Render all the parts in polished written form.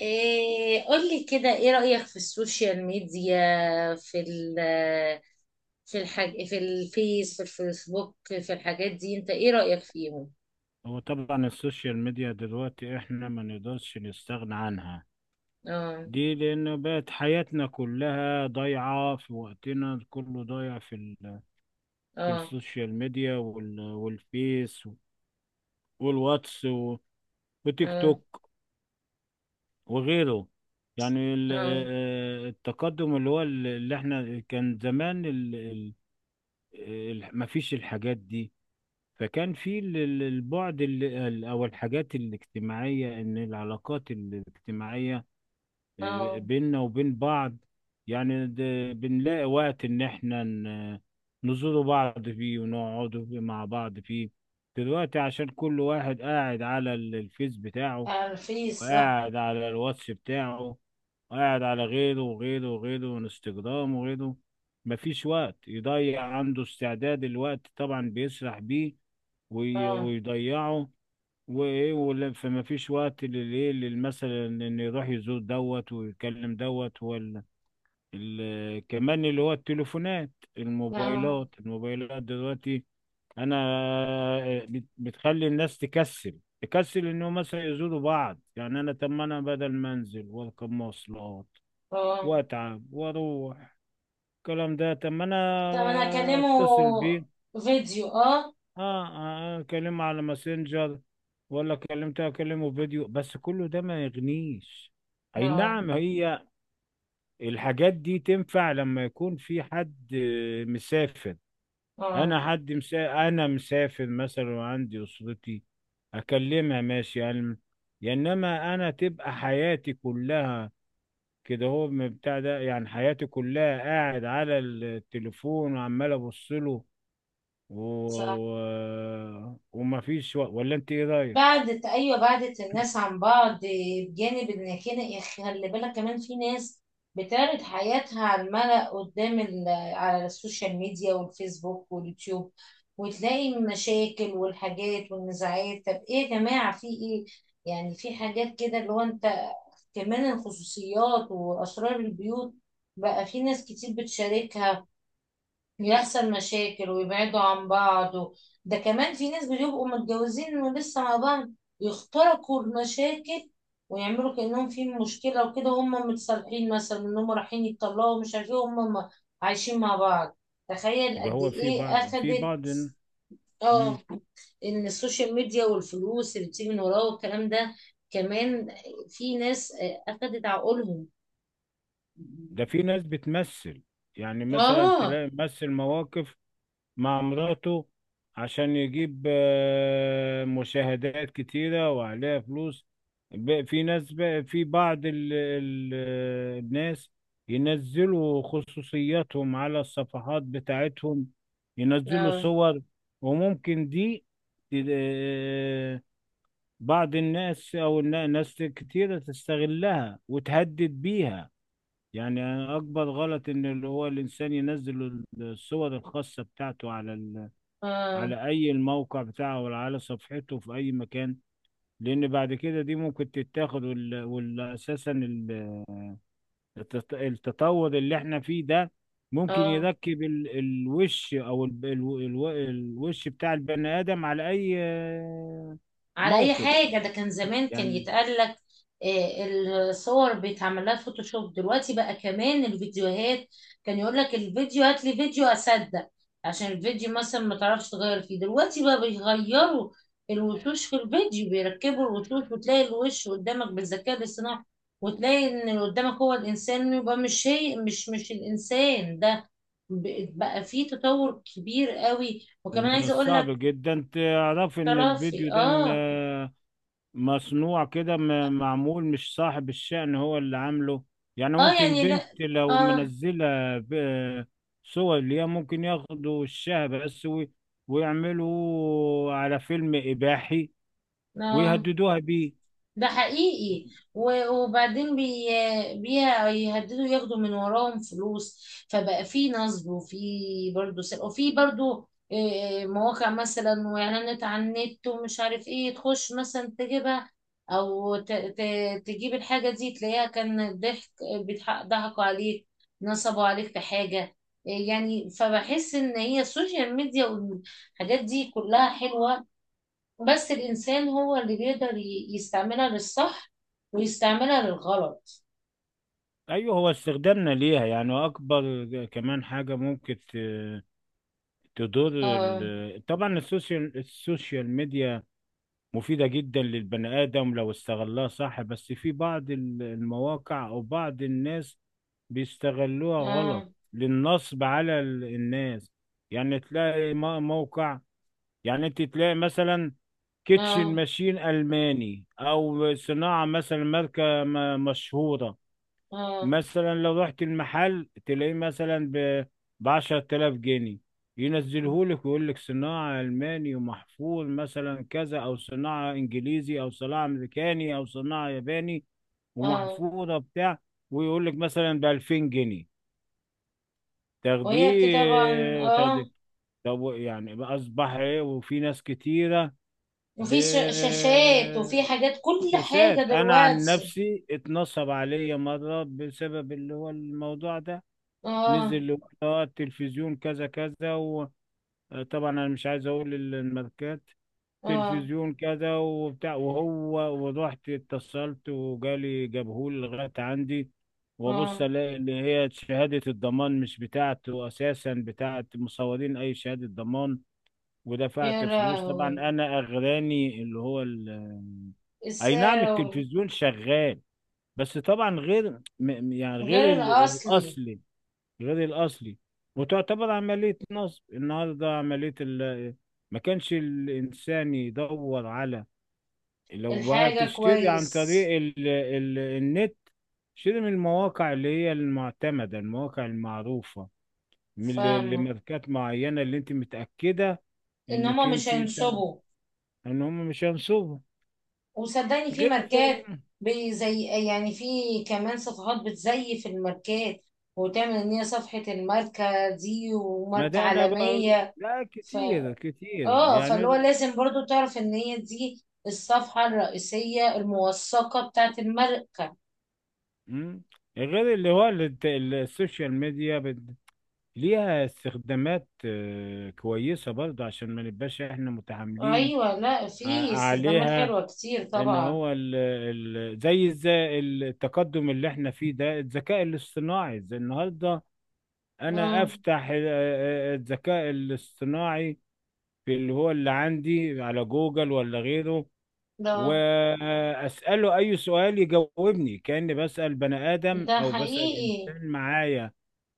إيه قولي كده، ايه رأيك في السوشيال ميديا؟ في ال في الفيس، في الفيسبوك، في الحاجات دي، انت ايه رأيك فيهم؟ هو طبعا السوشيال ميديا دلوقتي احنا ما نقدرش نستغنى عنها اه. دي، لأنه بقت حياتنا كلها ضايعة، في وقتنا كله ضايع في اه. السوشيال ميديا والفيس والواتس وتيك اه. توك وغيره. يعني ال... اه. آه، آه، التقدم اللي هو اللي احنا كان زمان ما فيش الحاجات دي. فكان في البعد أو الحاجات الاجتماعية، إن العلاقات الاجتماعية اه. بيننا وبين بعض، يعني بنلاقي وقت إن إحنا نزوروا بعض فيه ونقعدوا فيه مع بعض فيه. دلوقتي عشان كل واحد قاعد على الفيس بتاعه، على الفيس، صح. وقاعد على الواتس بتاعه، وقاعد على غيره وغيره وغيره وانستجرام وغيره. مفيش وقت يضيع عنده، استعداد الوقت طبعا بيسرح بيه اه. ويضيعه. وايه ولا، فما فيش وقت للايه مثلا انه يروح يزور دوت ويتكلم دوت ولا كمان اللي هو التليفونات، اه. الموبايلات، الموبايلات دلوقتي. انا بتخلي الناس تكسل تكسل انه مثلا يزوروا بعض. يعني انا، طب ما انا بدل ما انزل واركب مواصلات اه. واتعب واروح الكلام ده، طب ما انا طب انا اكلمه اتصل بيه. فيديو. اه. اه، اه، اكلمه على ماسنجر، ولا كلمته اكلمه فيديو، بس كله ده ما يغنيش. اي اه. نعم، هي الحاجات دي تنفع لما يكون في حد مسافر. اه. انا انا مسافر مثلا وعندي اسرتي اكلمها، ماشي يعني. يا انما انا تبقى حياتي كلها كده، هو من بتاع ده، يعني حياتي كلها قاعد على التليفون وعمال ابص له صح. وما فيش ولا، انت ايه رايك؟ بعدت، ايوه، بعدت الناس عن بعض. بجانب ان كده، خلي بالك كمان في ناس بتعرض حياتها على الملأ قدام على السوشيال ميديا والفيسبوك واليوتيوب، وتلاقي المشاكل والحاجات والنزاعات. طب ايه يا جماعة، في ايه؟ يعني في حاجات كده اللي هو انت، كمان الخصوصيات واسرار البيوت بقى في ناس كتير بتشاركها، يحصل مشاكل ويبعدوا عن بعض و... ده كمان في ناس بيبقوا متجوزين ولسه مع بعض، يخترقوا المشاكل ويعملوا كأنهم في مشكلة وكده، وهم متصالحين، مثلا انهم رايحين يتطلقوا، مش عارفين هم عايشين مع بعض. تخيل ده قد هو في ايه بعض، في اخدت. بعض. مم. اه. ان السوشيال ميديا والفلوس اللي بتيجي من وراه والكلام ده، كمان في ناس اخدت عقولهم. ده في ناس بتمثل، يعني مثلا اه. تلاقي ممثل مواقف مع مراته عشان يجيب مشاهدات كتيرة وعليها فلوس. في ناس بقى، في بعض الناس ينزلوا خصوصياتهم على الصفحات بتاعتهم، ينزلوا اه. صور، وممكن دي ت- بعض الناس او ناس كتيرة تستغلها وتهدد بيها. يعني اكبر غلط ان اللي هو الانسان ينزل الصور الخاصة بتاعته على اه. على اي الموقع بتاعه ولا على صفحته في اي مكان، لان بعد كده دي ممكن تتاخد والاساسا التطور اللي احنا فيه ده ممكن اه. يركب الوش او الوش بتاع البني ادم على اي على اي موقف حاجه. ده كان زمان كان يعني. يتقال لك الصور بيتعمل لها فوتوشوب، دلوقتي بقى كمان الفيديوهات. كان يقول لك الفيديو، هات لي فيديو اصدق، عشان الفيديو مثلا ما تعرفش تغير فيه. دلوقتي بقى بيغيروا الوشوش في الفيديو، بيركبوا الوشوش، وتلاقي الوش قدامك بالذكاء الاصطناعي، وتلاقي ان اللي قدامك هو الانسان، يبقى مش هي، مش الانسان ده. بقى فيه تطور كبير قوي. وكمان ومن عايزه اقول لك الصعب جدا تعرف ان طلع الفيديو في ده اه. مصنوع كده، معمول، مش صاحب الشأن هو اللي عامله. يعني اه ممكن يعني بنت لا. لو اه. منزلة ب- صور ليها، ممكن ياخدوا وشها بس ويعملوا على فيلم إباحي اه ويهددوها بيه. ده حقيقي. وبعدين بيهددوا ياخدوا من وراهم فلوس، فبقى في نصب وفي برضه سرقة، وفي برضه مواقع مثلا واعلانات على النت ومش عارف ايه، تخش مثلا تجيبها او تجيب الحاجة دي تلاقيها كان ضحك، ضحكوا عليك، نصبوا عليك في حاجة. يعني فبحس ان هي السوشيال ميديا والحاجات دي كلها حلوة، بس الإنسان هو اللي بيقدر يستعملها للصح ويستعملها للغلط. أيوه، هو استخدامنا ليها يعني أكبر كمان حاجة ممكن تضر اه. طبعا السوشيال ميديا مفيدة جدا للبني آدم لو استغلها صح، بس في بعض المواقع أو بعض الناس بيستغلوها غلط اه. للنصب على الناس. يعني تلاقي موقع، يعني انت تلاقي مثلا كيتشن اه. ماشين ألماني أو صناعة مثلا ماركة مشهورة، اه. مثلا لو رحت المحل تلاقيه مثلا ب 10000 جنيه، ينزله لك ويقول لك صناعة ألماني ومحفور مثلا كذا، أو صناعة إنجليزي أو صناعة أمريكاني أو صناعة ياباني اه. ومحفورة بتاع، ويقول لك مثلا ب 2000 جنيه، وهي كده طبعا. تاخديه اه. تاخديه. طب يعني بقى أصبح إيه؟ وفي ناس كتيرة، ب وفي شاشات وفي حاجات، كل حاجة شاشات. انا عن دلوقتي. نفسي اتنصب عليا مره بسبب اللي هو الموضوع ده. اه. نزل التلفزيون كذا كذا، وطبعا انا مش عايز اقول الماركات، اه. تلفزيون كذا وبتاع، وهو ورحت اتصلت وجالي جابهولي لغايه عندي، وابص اه. الاقي اللي هي شهاده الضمان مش بتاعته اساسا، بتاعت مصورين اي شهاده ضمان. يا ودفعت فلوس طبعا، لهوي، انا اغراني اللي هو اي نعم، السعر. التلفزيون شغال بس طبعا غير يعني غير غير الأصلي. الاصلي، غير الأصلي. وتعتبر عملية نصب. النهاردة عملية ما كانش الإنسان يدور على، لو الحاجة هتشتري عن كويس. طريق النت، شتري من المواقع اللي هي المعتمدة، المواقع المعروفة، من اللي فاهمة. ماركات معينة اللي انت متأكدة إن هما انك مش انت بتاع ده، هينصبوا. ان هم مش هينصبوا. وصدقني في غير فين؟ ماركات، زي يعني في كمان صفحات بتزيف الماركات وتعمل ان هي صفحة الماركة دي ما وماركة ده انا بقول عالمية. لا، ف كتير كتير اه، فاللي يعني هو ده. لازم برضو تعرف ان هي دي الصفحة الرئيسية الموثقة بتاعت الماركة. مم. غير اللي هو السوشيال ميديا ليها استخدامات كويسة برضه، عشان ما نبقاش احنا متعاملين ايوه، لا ع- في استخدامات عليها. حلوة كتير ان طبعا. هو ال زي التقدم اللي احنا فيه ده، الذكاء الاصطناعي زي النهارده. انا اه. افتح الذكاء الاصطناعي في اللي هو اللي عندي على جوجل ولا غيره، ده واساله اي سؤال يجاوبني كاني بسال بني ادم ده او بسال حقيقي. انسان معايا.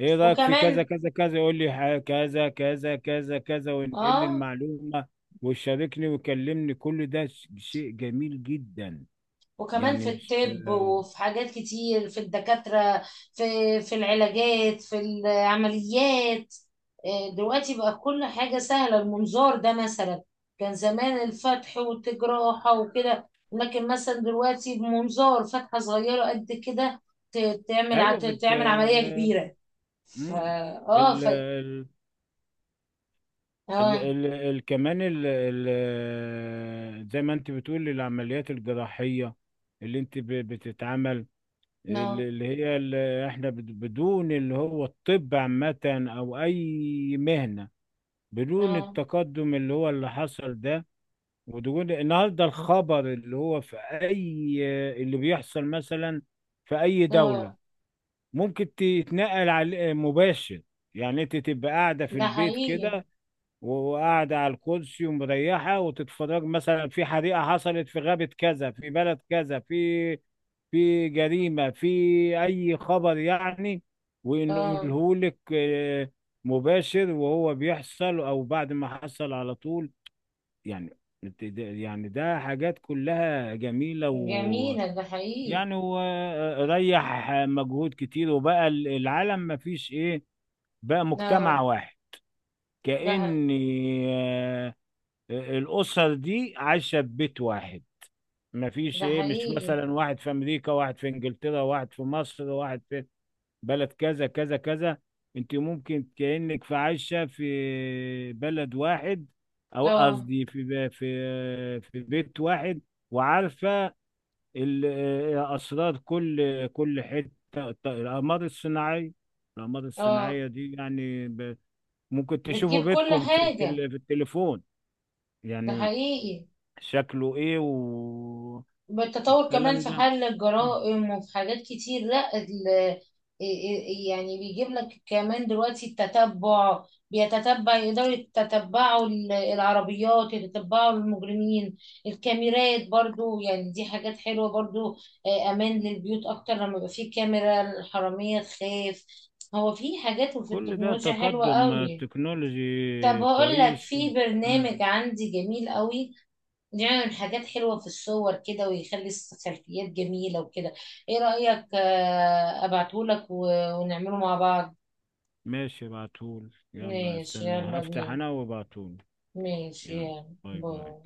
ايه رايك في كذا وكمان كذا كذا؟ يقول لي كذا كذا كذا كذا وينقل لي اه، المعلومه، ويشاركني ويكلمني. كل ده شيء جميل جدا. وكمان يعني في مش الطب وفي حاجات كتير، في الدكاترة، في في العلاجات، في العمليات. دلوقتي بقى كل حاجة سهلة، المنظار ده مثلا، كان زمان الفتح والجراحة وكده، لكن مثلا دلوقتي بمنظار فتحة صغيرة قد كده ايوه تعمل عملية كبيرة. فا مم. اه، ال... ف ال... اه. كمان زي ما انت بتقول العمليات الجراحيه اللي انت بتتعمل، اه. اللي هي اللي احنا بدون اللي هو الطب عامه او اي مهنه، بدون اه. التقدم اللي هو اللي حصل ده، ودون النهارده الخبر اللي هو في اي اللي بيحصل مثلا في اي دولة، اه. ممكن تتنقل على مباشر. يعني انت تبقى قاعدة في ده البيت حقيقي. كده، وقاعدة على الكرسي ومريحة، وتتفرج مثلا في حريقة حصلت في غابة كذا في بلد كذا، في جريمة، في أي خبر يعني. وإنه اه. يقولهولك مباشر وهو بيحصل أو بعد ما حصل على طول، يعني يعني ده حاجات كلها جميلة، و جميلة، ده حقيقي. يعني وريح مجهود كتير. وبقى العالم ما فيش إيه، بقى اه. مجتمع واحد. ده كأن آه، الأسر دي عايشة في بيت واحد، ما فيش ده ايه، مش حقيقي. مثلا واحد في امريكا واحد في انجلترا واحد في مصر واحد في بلد كذا كذا كذا. انت ممكن كأنك في عايشة في بلد واحد، او اه. قصدي في ب- في في بيت واحد. وعارفة ال- اسرار كل كل حتة. الاقمار الصناعية، الاقمار اه. الصناعية دي يعني ممكن تشوفوا بتجيب كل بيتكم في حاجة. في التليفون، ده يعني حقيقي. شكله ايه بالتطور كمان والكلام في ده. حل الجرائم وفي حاجات كتير. لا يعني بيجيب لك كمان دلوقتي التتبع، بيتتبع، يقدروا يتتبعوا العربيات، يتتبعوا المجرمين. الكاميرات برضو يعني، دي حاجات حلوة برضو. أمان للبيوت أكتر لما يبقى فيه كاميرا، الحرامية تخاف. هو في حاجات وفي كل ده التكنولوجيا حلوة تقدم قوي. طب تكنولوجي هقول لك كويس. في برنامج عندي جميل قوي، بيعمل حاجات حلوة في الصور كده ويخلي السيلفيات جميلة وكده. ايه رأيك ابعتهولك ونعمله مع بعض؟ ماشي بعتول، يلا ماشي استنى يلا هفتح بينا. انا وبعتول. ماشي يلا يلا باي. باي. باي.